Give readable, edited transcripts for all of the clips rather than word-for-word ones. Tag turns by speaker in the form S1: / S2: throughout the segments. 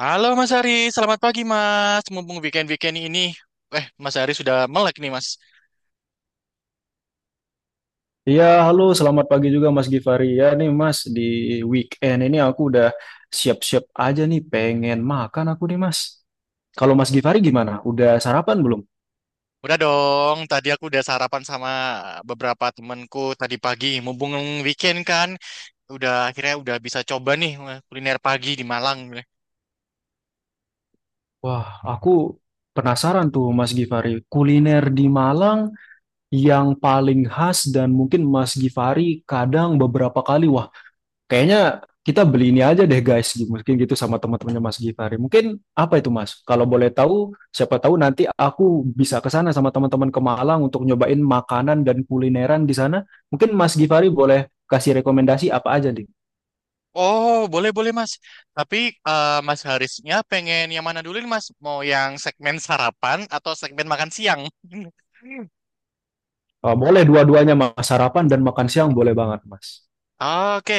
S1: Halo Mas Ari, selamat pagi Mas. Mumpung weekend-weekend ini, Mas Ari sudah melek nih Mas.
S2: Iya, halo, selamat pagi juga Mas Givari. Ya nih Mas, di weekend ini aku udah siap-siap aja nih pengen makan aku nih Mas. Kalau Mas Givari gimana? Udah sarapan belum?
S1: Udah dong, tadi aku udah sarapan sama beberapa temanku tadi pagi. Mumpung weekend kan, udah akhirnya udah bisa coba nih, kuliner pagi di Malang.
S2: Wah, aku penasaran tuh Mas Givari, kuliner di Malang yang paling khas dan mungkin Mas Givari kadang beberapa kali wah. Kayaknya kita beli ini aja deh guys, gitu. Mungkin gitu sama teman-temannya Mas Gifari. Mungkin apa itu Mas? Kalau boleh tahu, siapa tahu nanti aku bisa ke sana sama teman-teman ke Malang untuk nyobain makanan dan kulineran di sana. Mungkin Mas Gifari boleh kasih rekomendasi apa aja nih?
S1: Oh, boleh-boleh Mas. Tapi Mas Harisnya pengen yang mana dulu nih Mas? Mau yang segmen sarapan atau segmen makan siang?
S2: Boleh dua-duanya Mas, sarapan dan makan siang boleh banget Mas.
S1: Oke.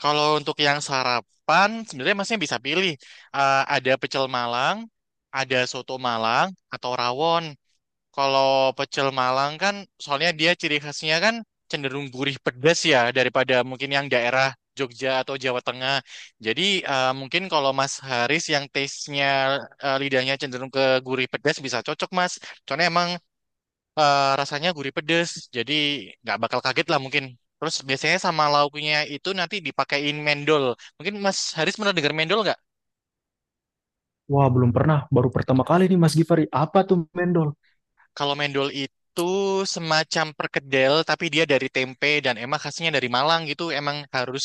S1: Kalau untuk yang sarapan sebenarnya masnya bisa pilih. Ada pecel Malang, ada soto Malang atau rawon. Kalau pecel Malang kan soalnya dia ciri khasnya kan cenderung gurih pedas ya daripada mungkin yang daerah Jogja atau Jawa Tengah. Jadi mungkin kalau Mas Haris yang taste-nya, lidahnya cenderung ke gurih pedas bisa cocok Mas. Soalnya emang rasanya gurih pedes, jadi nggak bakal kaget lah mungkin. Terus biasanya sama lauknya itu nanti dipakein mendol. Mungkin Mas Haris pernah dengar mendol nggak?
S2: Wah belum pernah, baru pertama kali nih Mas Gifari. Apa tuh mendol?
S1: Kalau mendol itu semacam perkedel, tapi dia dari tempe dan emang khasnya dari Malang gitu. Emang harus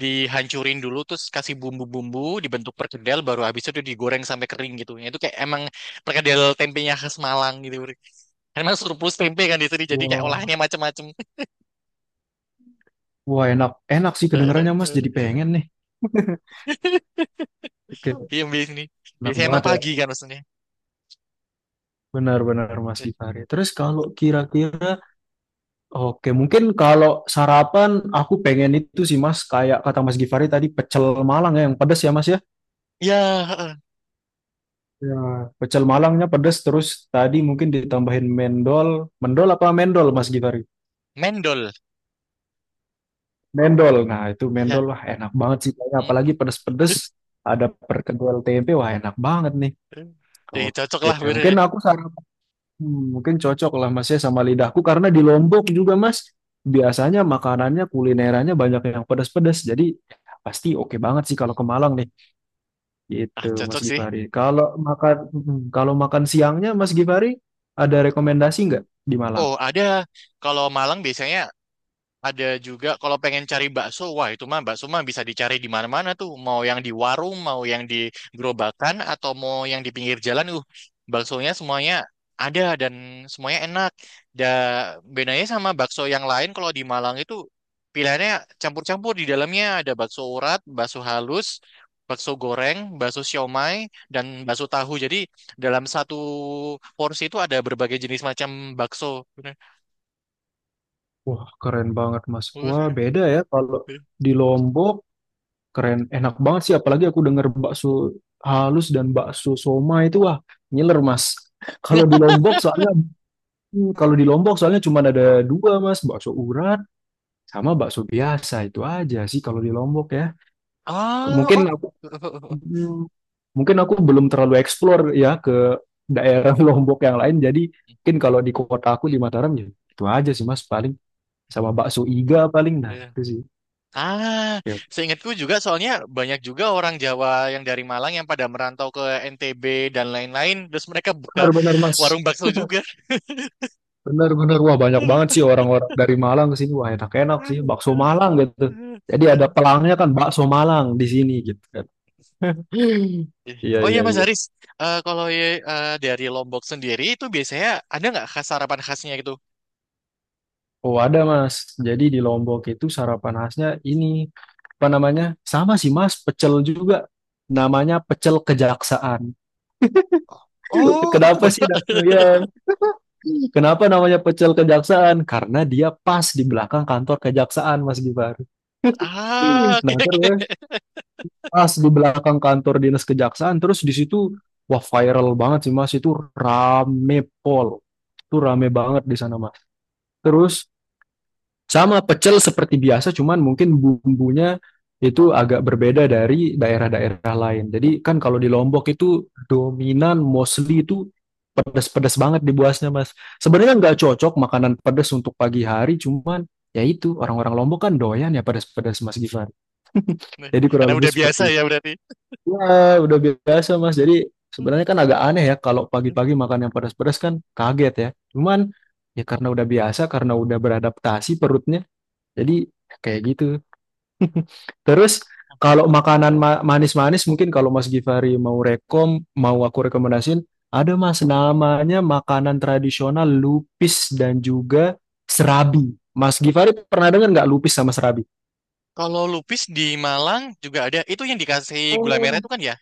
S1: dihancurin dulu, terus kasih bumbu-bumbu, dibentuk perkedel, baru habis itu digoreng sampai kering gitu. Itu kayak emang perkedel tempenya khas Malang gitu. Karena surplus tempe kan di sini, jadi kayak
S2: Wah,
S1: olahannya macam-macam.
S2: wah enak, enak sih kedengarannya Mas, jadi pengen nih. Oke,
S1: Iya.
S2: enak
S1: Biasanya
S2: banget
S1: emang
S2: ya.
S1: pagi kan maksudnya.
S2: Benar-benar Mas
S1: Eh,
S2: Gifari. Terus kalau kira-kira, oke mungkin kalau sarapan aku pengen itu sih Mas, kayak kata Mas Gifari tadi pecel Malang ya, yang pedas ya Mas ya.
S1: Iya, heeh.
S2: Ya, pecel Malangnya pedas, terus tadi mungkin ditambahin mendol. Mendol apa mendol Mas Gifari?
S1: Mendol.
S2: Mendol. Nah itu mendol,
S1: Iya.
S2: wah enak banget sih kayaknya.
S1: Hmm.
S2: Apalagi pedas-pedas, ada perkedel tempe, wah enak banget nih.
S1: Eh, cocok
S2: Oke,
S1: lah, Wir.
S2: mungkin aku saran Hmm, mungkin cocok lah mas ya sama lidahku karena di Lombok juga mas
S1: Hmm.
S2: biasanya makanannya kulinerannya banyak yang pedas-pedas, jadi pasti oke banget sih
S1: Hmm.
S2: kalau ke Malang nih,
S1: Ah,
S2: gitu Mas
S1: cocok sih.
S2: Gifari. Kalau makan siangnya Mas Gifari ada rekomendasi nggak di Malang?
S1: Oh, ada. Kalau Malang biasanya ada juga kalau pengen cari bakso, wah itu mah bakso mah bisa dicari di mana-mana tuh. Mau yang di warung, mau yang di gerobakan, atau mau yang di pinggir jalan, baksonya semuanya ada dan semuanya enak. Dan bedanya sama bakso yang lain kalau di Malang itu pilihannya campur-campur di dalamnya ada bakso urat, bakso halus, bakso goreng, bakso siomay, dan bakso tahu. Jadi dalam satu porsi itu ada berbagai jenis macam bakso.
S2: Wah keren banget mas. Wah beda ya kalau di Lombok, keren enak banget sih apalagi aku denger bakso halus dan bakso soma itu, wah ngiler mas. Kalau di Lombok soalnya Kalau di Lombok soalnya cuma ada dua mas, bakso urat sama bakso biasa itu aja sih kalau di Lombok ya. Ke-
S1: Oh,
S2: Mungkin aku
S1: oh.
S2: hmm, mungkin aku belum terlalu explore ya ke daerah Lombok yang lain. Jadi mungkin kalau di kota aku di
S1: Hmm,
S2: Mataram ya itu aja
S1: hmm,
S2: sih mas paling, sama bakso iga paling, nah
S1: iya.
S2: itu sih.
S1: Ah,
S2: Ya
S1: seingatku juga soalnya banyak juga orang Jawa yang dari Malang yang pada merantau ke NTB dan lain-lain, terus mereka buka
S2: benar-benar
S1: warung
S2: mas,
S1: bakso juga.
S2: benar-benar wah banyak banget sih orang-orang dari Malang ke sini, wah enak-enak sih bakso Malang gitu. Jadi ada pelangnya kan bakso Malang di sini gitu kan. Iya
S1: Oh iya
S2: iya
S1: Mas
S2: iya.
S1: Haris, kalau ya, dari Lombok sendiri itu biasanya ada nggak khas sarapan khasnya gitu?
S2: Oh ada mas, jadi di Lombok itu sarapan khasnya ini, apa namanya? Sama sih mas, pecel juga. Namanya pecel kejaksaan.
S1: Oh, aku
S2: Kenapa
S1: baru.
S2: sih? Ya, kenapa namanya pecel kejaksaan? Karena dia pas di belakang kantor kejaksaan mas Gibar.
S1: Ah, oke
S2: Nah terus
S1: oke.
S2: pas di belakang kantor dinas kejaksaan, terus di situ wah viral banget sih mas, itu rame pol. Itu rame banget di sana mas. Terus sama pecel seperti biasa, cuman mungkin bumbunya itu agak berbeda dari daerah-daerah lain. Jadi kan kalau di Lombok itu dominan mostly itu pedas-pedas banget di buasnya, Mas. Sebenarnya nggak cocok makanan pedas untuk pagi hari, cuman ya itu orang-orang Lombok kan doyan ya pedas-pedas, Mas Gifar.
S1: Nah,
S2: Jadi
S1: karena
S2: kurang lebih
S1: udah biasa
S2: seperti
S1: ya
S2: itu.
S1: berarti.
S2: Wah, udah biasa, Mas. Jadi sebenarnya kan agak aneh ya kalau pagi-pagi makan yang pedas-pedas kan kaget ya. Cuman ya karena udah biasa, karena udah beradaptasi perutnya, jadi kayak gitu. Terus kalau makanan manis-manis mungkin kalau Mas Givari mau rekom, mau aku rekomendasiin, ada Mas namanya makanan tradisional lupis dan juga serabi. Mas Givari pernah dengar nggak lupis sama serabi?
S1: Kalau lupis di Malang juga ada. Itu yang dikasih gula merah
S2: Oh,
S1: itu kan ya?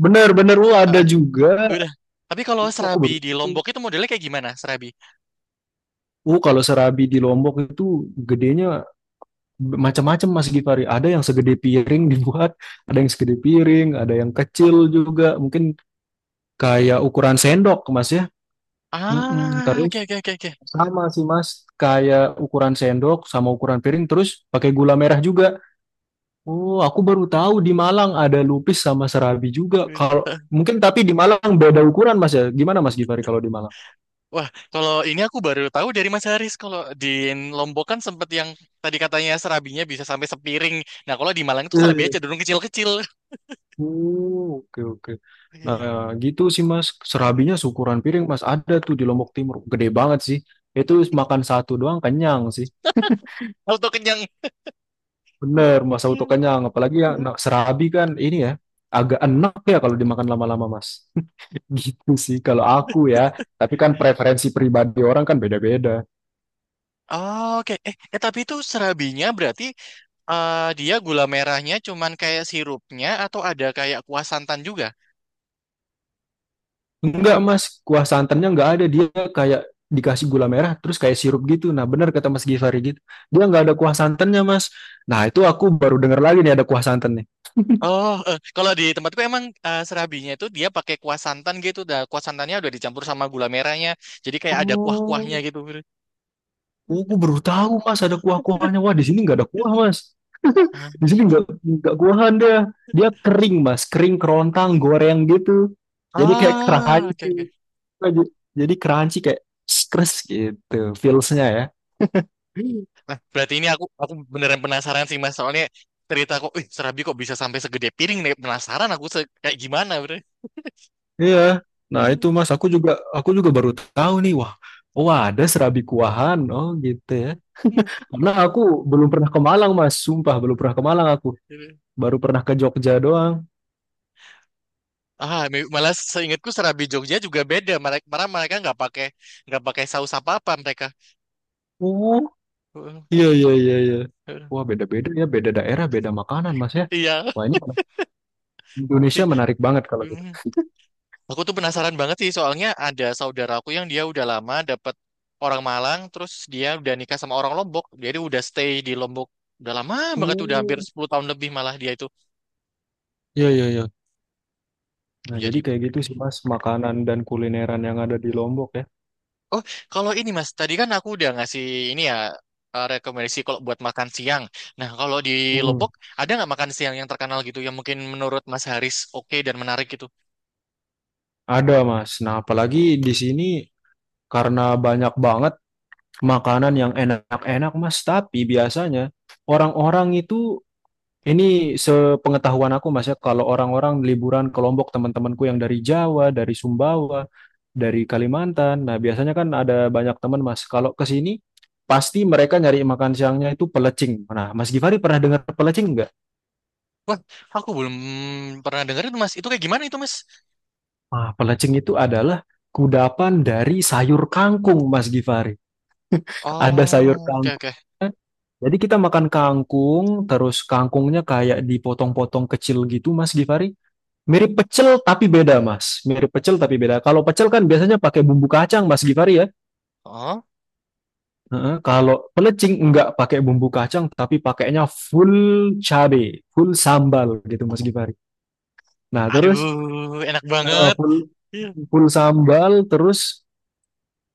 S2: bener-bener, oh ada
S1: Heeh,
S2: juga.
S1: udah. Tapi kalau
S2: Oh, aku
S1: serabi
S2: baru
S1: di Lombok
S2: tahu.
S1: itu modelnya kayak gimana serabi?
S2: Oh, kalau serabi di Lombok itu gedenya macam-macam Mas Givari. Ada yang segede piring dibuat, ada yang segede piring, ada yang kecil juga. Mungkin kayak ukuran sendok mas ya. Mm-mm.
S1: Ah, oke
S2: Terus
S1: oke oke oke.
S2: sama sih mas, kayak ukuran sendok sama ukuran piring, terus pakai gula merah juga. Oh aku baru tahu di Malang ada lupis sama serabi juga.
S1: Ya udah.
S2: Kalau mungkin tapi di Malang beda ukuran mas ya, gimana mas Givari kalau di Malang?
S1: Wah, kalau ini aku baru tahu dari Mas Haris. Kalau di Lombok kan sempet yang tadi katanya serabinya bisa sampai sepiring. Nah, kalau di Malang itu serabinya
S2: Eh,
S1: cenderung kecil-kecil.
S2: Oh, oke oke. Nah, gitu sih Mas, serabinya seukuran piring Mas, ada tuh di Lombok Timur, gede banget sih. Itu makan satu doang kenyang sih.
S1: Auto kenyang.
S2: Bener, masa auto kenyang. Apalagi ya, nah, serabi kan ini ya agak enak ya kalau dimakan lama-lama, Mas. Gitu sih kalau aku ya. Tapi kan preferensi pribadi orang kan beda-beda.
S1: Oke. Tapi itu serabinya berarti dia gula merahnya cuman kayak sirupnya atau ada kayak kuah santan juga?
S2: Enggak, Mas, kuah santannya enggak ada. Dia kayak dikasih gula merah terus kayak sirup gitu. Nah, bener kata Mas Givari gitu. Dia enggak ada kuah santannya, Mas. Nah, itu aku baru dengar lagi nih ada kuah santannya.
S1: Oh, kalau di tempatku emang, serabinya itu dia pakai kuah santan gitu. Dah, kuah santannya udah dicampur sama gula merahnya. Jadi kayak ada kuah-kuahnya
S2: Oh,
S1: gitu.
S2: oh, aku baru tahu, Mas, ada kuah-kuahnya. Wah, di sini enggak ada kuah, Mas.
S1: Ah,
S2: Di sini nggak kuahan dia. Dia kering mas, kering kerontang, goreng gitu. Jadi kayak
S1: oke oke.
S2: crunchy. Jadi jadi crunchy kayak skres gitu feelsnya ya.
S1: Nah, berarti ini aku beneran penasaran sih Mas. Soalnya cerita kok, ih, serabi kok bisa sampai segede piring nih. Penasaran aku se- kayak gimana.
S2: Iya. Nah itu mas, aku juga baru tahu nih. Wah, oh ada serabi kuahan. Oh gitu ya. Karena aku belum pernah ke Malang mas, sumpah belum pernah ke Malang aku.
S1: Bre.
S2: Baru pernah ke Jogja doang.
S1: Ah, me- malah seingatku serabi Jogja juga beda. Mereka malah mereka nggak pakai saus apa-apa mereka.
S2: Oh
S1: Heeh,
S2: iya iya iya iya.
S1: heeh.
S2: Wah beda-beda ya, beda daerah, beda makanan mas ya.
S1: Iya.
S2: Wah ini Indonesia
S1: Ih,
S2: menarik banget kalau gitu.
S1: mm. Aku tuh penasaran banget sih soalnya ada saudara aku yang dia udah lama dapat orang Malang terus dia udah nikah sama orang Lombok. Jadi udah stay di Lombok udah lama banget, udah hampir
S2: Hmm.
S1: 10 tahun lebih malah dia itu
S2: Ya, ya, ya. Nah,
S1: menjadi
S2: jadi kayak gitu
S1: ini.
S2: sih, Mas, makanan dan kulineran yang ada di Lombok ya.
S1: Oh, kalau ini Mas, tadi kan aku udah ngasih ini ya, rekomendasi kalau buat makan siang. Nah, kalau di
S2: Hmm.
S1: Lebok ada nggak makan siang yang terkenal gitu yang mungkin menurut Mas Haris oke dan menarik gitu?
S2: Ada, Mas. Nah, apalagi di sini karena banyak banget makanan yang enak-enak, Mas. Tapi biasanya orang-orang itu, ini sepengetahuan aku, Mas, ya, kalau orang-orang liburan ke Lombok, teman-temanku yang dari Jawa, dari Sumbawa, dari Kalimantan. Nah, biasanya kan ada banyak teman, Mas. Kalau ke sini, pasti mereka nyari makan siangnya itu pelecing. Nah, Mas Gifari pernah dengar pelecing nggak?
S1: Aku belum pernah dengerin tuh, Mas. Itu kayak gimana itu Mas?
S2: Ah, pelecing itu adalah kudapan dari sayur kangkung, Mas Gifari. Ada sayur
S1: Oh, oke
S2: kangkung.
S1: oke.
S2: Jadi kita makan kangkung, terus kangkungnya kayak dipotong-potong kecil gitu, Mas Gifari. Mirip pecel tapi beda, Mas. Mirip pecel tapi beda. Kalau pecel kan biasanya pakai bumbu kacang, Mas Gifari ya.
S1: Oh,
S2: Heeh, kalau pelecing enggak pakai bumbu kacang, tapi pakainya full cabe, full sambal gitu, Mas Gifari. Nah, terus
S1: aduh, enak banget.
S2: full
S1: Iya.
S2: full sambal, terus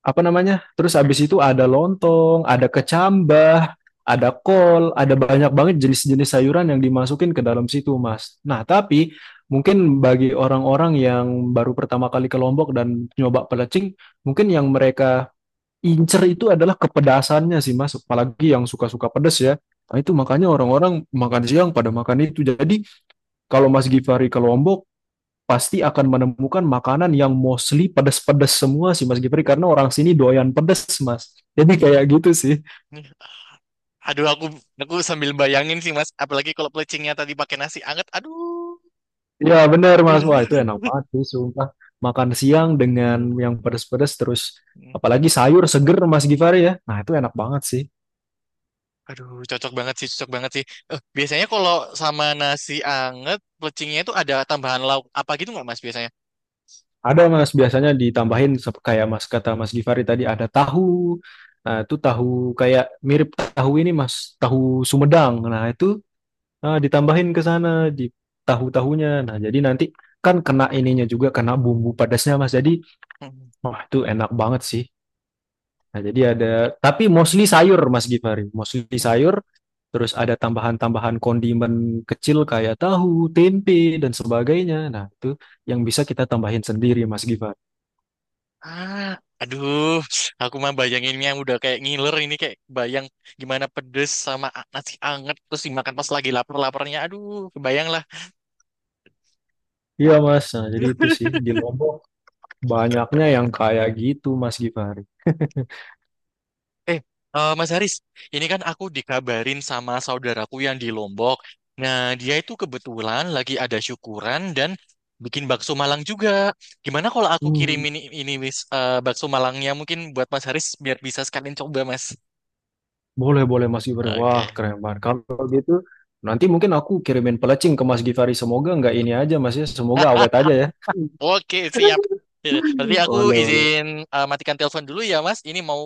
S2: apa namanya? Terus habis itu ada lontong, ada kecambah, ada kol, ada banyak banget jenis-jenis sayuran yang dimasukin ke dalam situ, Mas. Nah, tapi mungkin bagi orang-orang yang baru pertama kali ke Lombok dan nyoba pelecing, mungkin yang mereka incer itu adalah kepedasannya sih, Mas. Apalagi yang suka-suka pedes ya. Nah, itu makanya orang-orang makan siang pada makan itu. Jadi, kalau Mas Gifari ke Lombok, pasti akan menemukan makanan yang mostly pedas-pedas semua sih Mas Gifri, karena orang sini doyan pedas Mas. Jadi kayak gitu sih.
S1: Nih, aduh, aku sambil bayangin sih Mas, apalagi kalau pelecingnya tadi pakai nasi anget. Aduh.
S2: Ya benar Mas. Wah itu enak banget sih sumpah. Makan siang dengan yang pedas-pedas, terus apalagi sayur seger Mas Gifari ya. Nah itu enak banget sih.
S1: Aduh, cocok banget sih, cocok banget sih. Eh, biasanya kalau sama nasi anget, plecingnya itu ada tambahan lauk apa gitu nggak, Mas, biasanya?
S2: Ada Mas, biasanya ditambahin kayak Mas kata Mas Gifari tadi, ada tahu. Nah itu tahu kayak mirip tahu ini Mas, tahu Sumedang. Nah itu, nah, ditambahin ke sana di tahu-tahunya. Nah, jadi nanti kan kena ininya juga, kena bumbu pedasnya Mas. Jadi,
S1: Hmm,
S2: wah itu enak banget sih. Nah, jadi ada, tapi mostly sayur Mas Gifari, mostly
S1: hmm.
S2: sayur. Terus ada tambahan-tambahan kondimen kecil kayak tahu, tempe dan sebagainya. Nah, itu yang bisa kita tambahin sendiri Mas Gifari.
S1: Ah, aduh, aku mah bayanginnya udah kayak ngiler ini, kayak bayang gimana pedes sama a- nasi anget, terus dimakan pas lagi lapar-laparnya. Aduh, kebayang lah.
S2: Iya Mas, nah, jadi itu sih di Lombok banyaknya yang kayak gitu Mas Gifari.
S1: Eh, Mas Haris, ini kan aku dikabarin sama saudaraku yang di Lombok. Nah, dia itu kebetulan lagi ada syukuran dan bikin bakso Malang juga. Gimana kalau aku
S2: Hmm.
S1: kirimin ini Miss, bakso Malangnya mungkin buat Mas Haris biar bisa sekalian coba, Mas.
S2: Boleh, boleh Mas Givari. Wah,
S1: Oke.
S2: keren banget. Kalau gitu, nanti mungkin aku kirimin pelecing ke Mas Givari. Semoga nggak ini aja Mas ya. Semoga awet aja ya.
S1: Oke, siap. Ya, berarti aku
S2: Boleh, boleh.
S1: izin, matikan telepon dulu ya, Mas. Ini mau,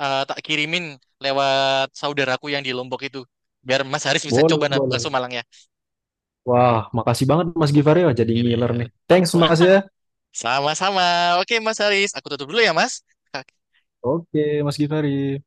S1: tak kirimin lewat saudaraku yang di Lombok itu. Biar Mas Haris bisa coba
S2: Boleh,
S1: na-
S2: boleh.
S1: bakso Malangnya.
S2: Wah, makasih banget Mas Givari. Wah, jadi
S1: Gitu
S2: ngiler
S1: ya.
S2: nih. Thanks Mas ya.
S1: Sama-sama. Oke, Mas Haris. Aku tutup dulu ya, Mas. Ka-
S2: Oke, Mas Givari.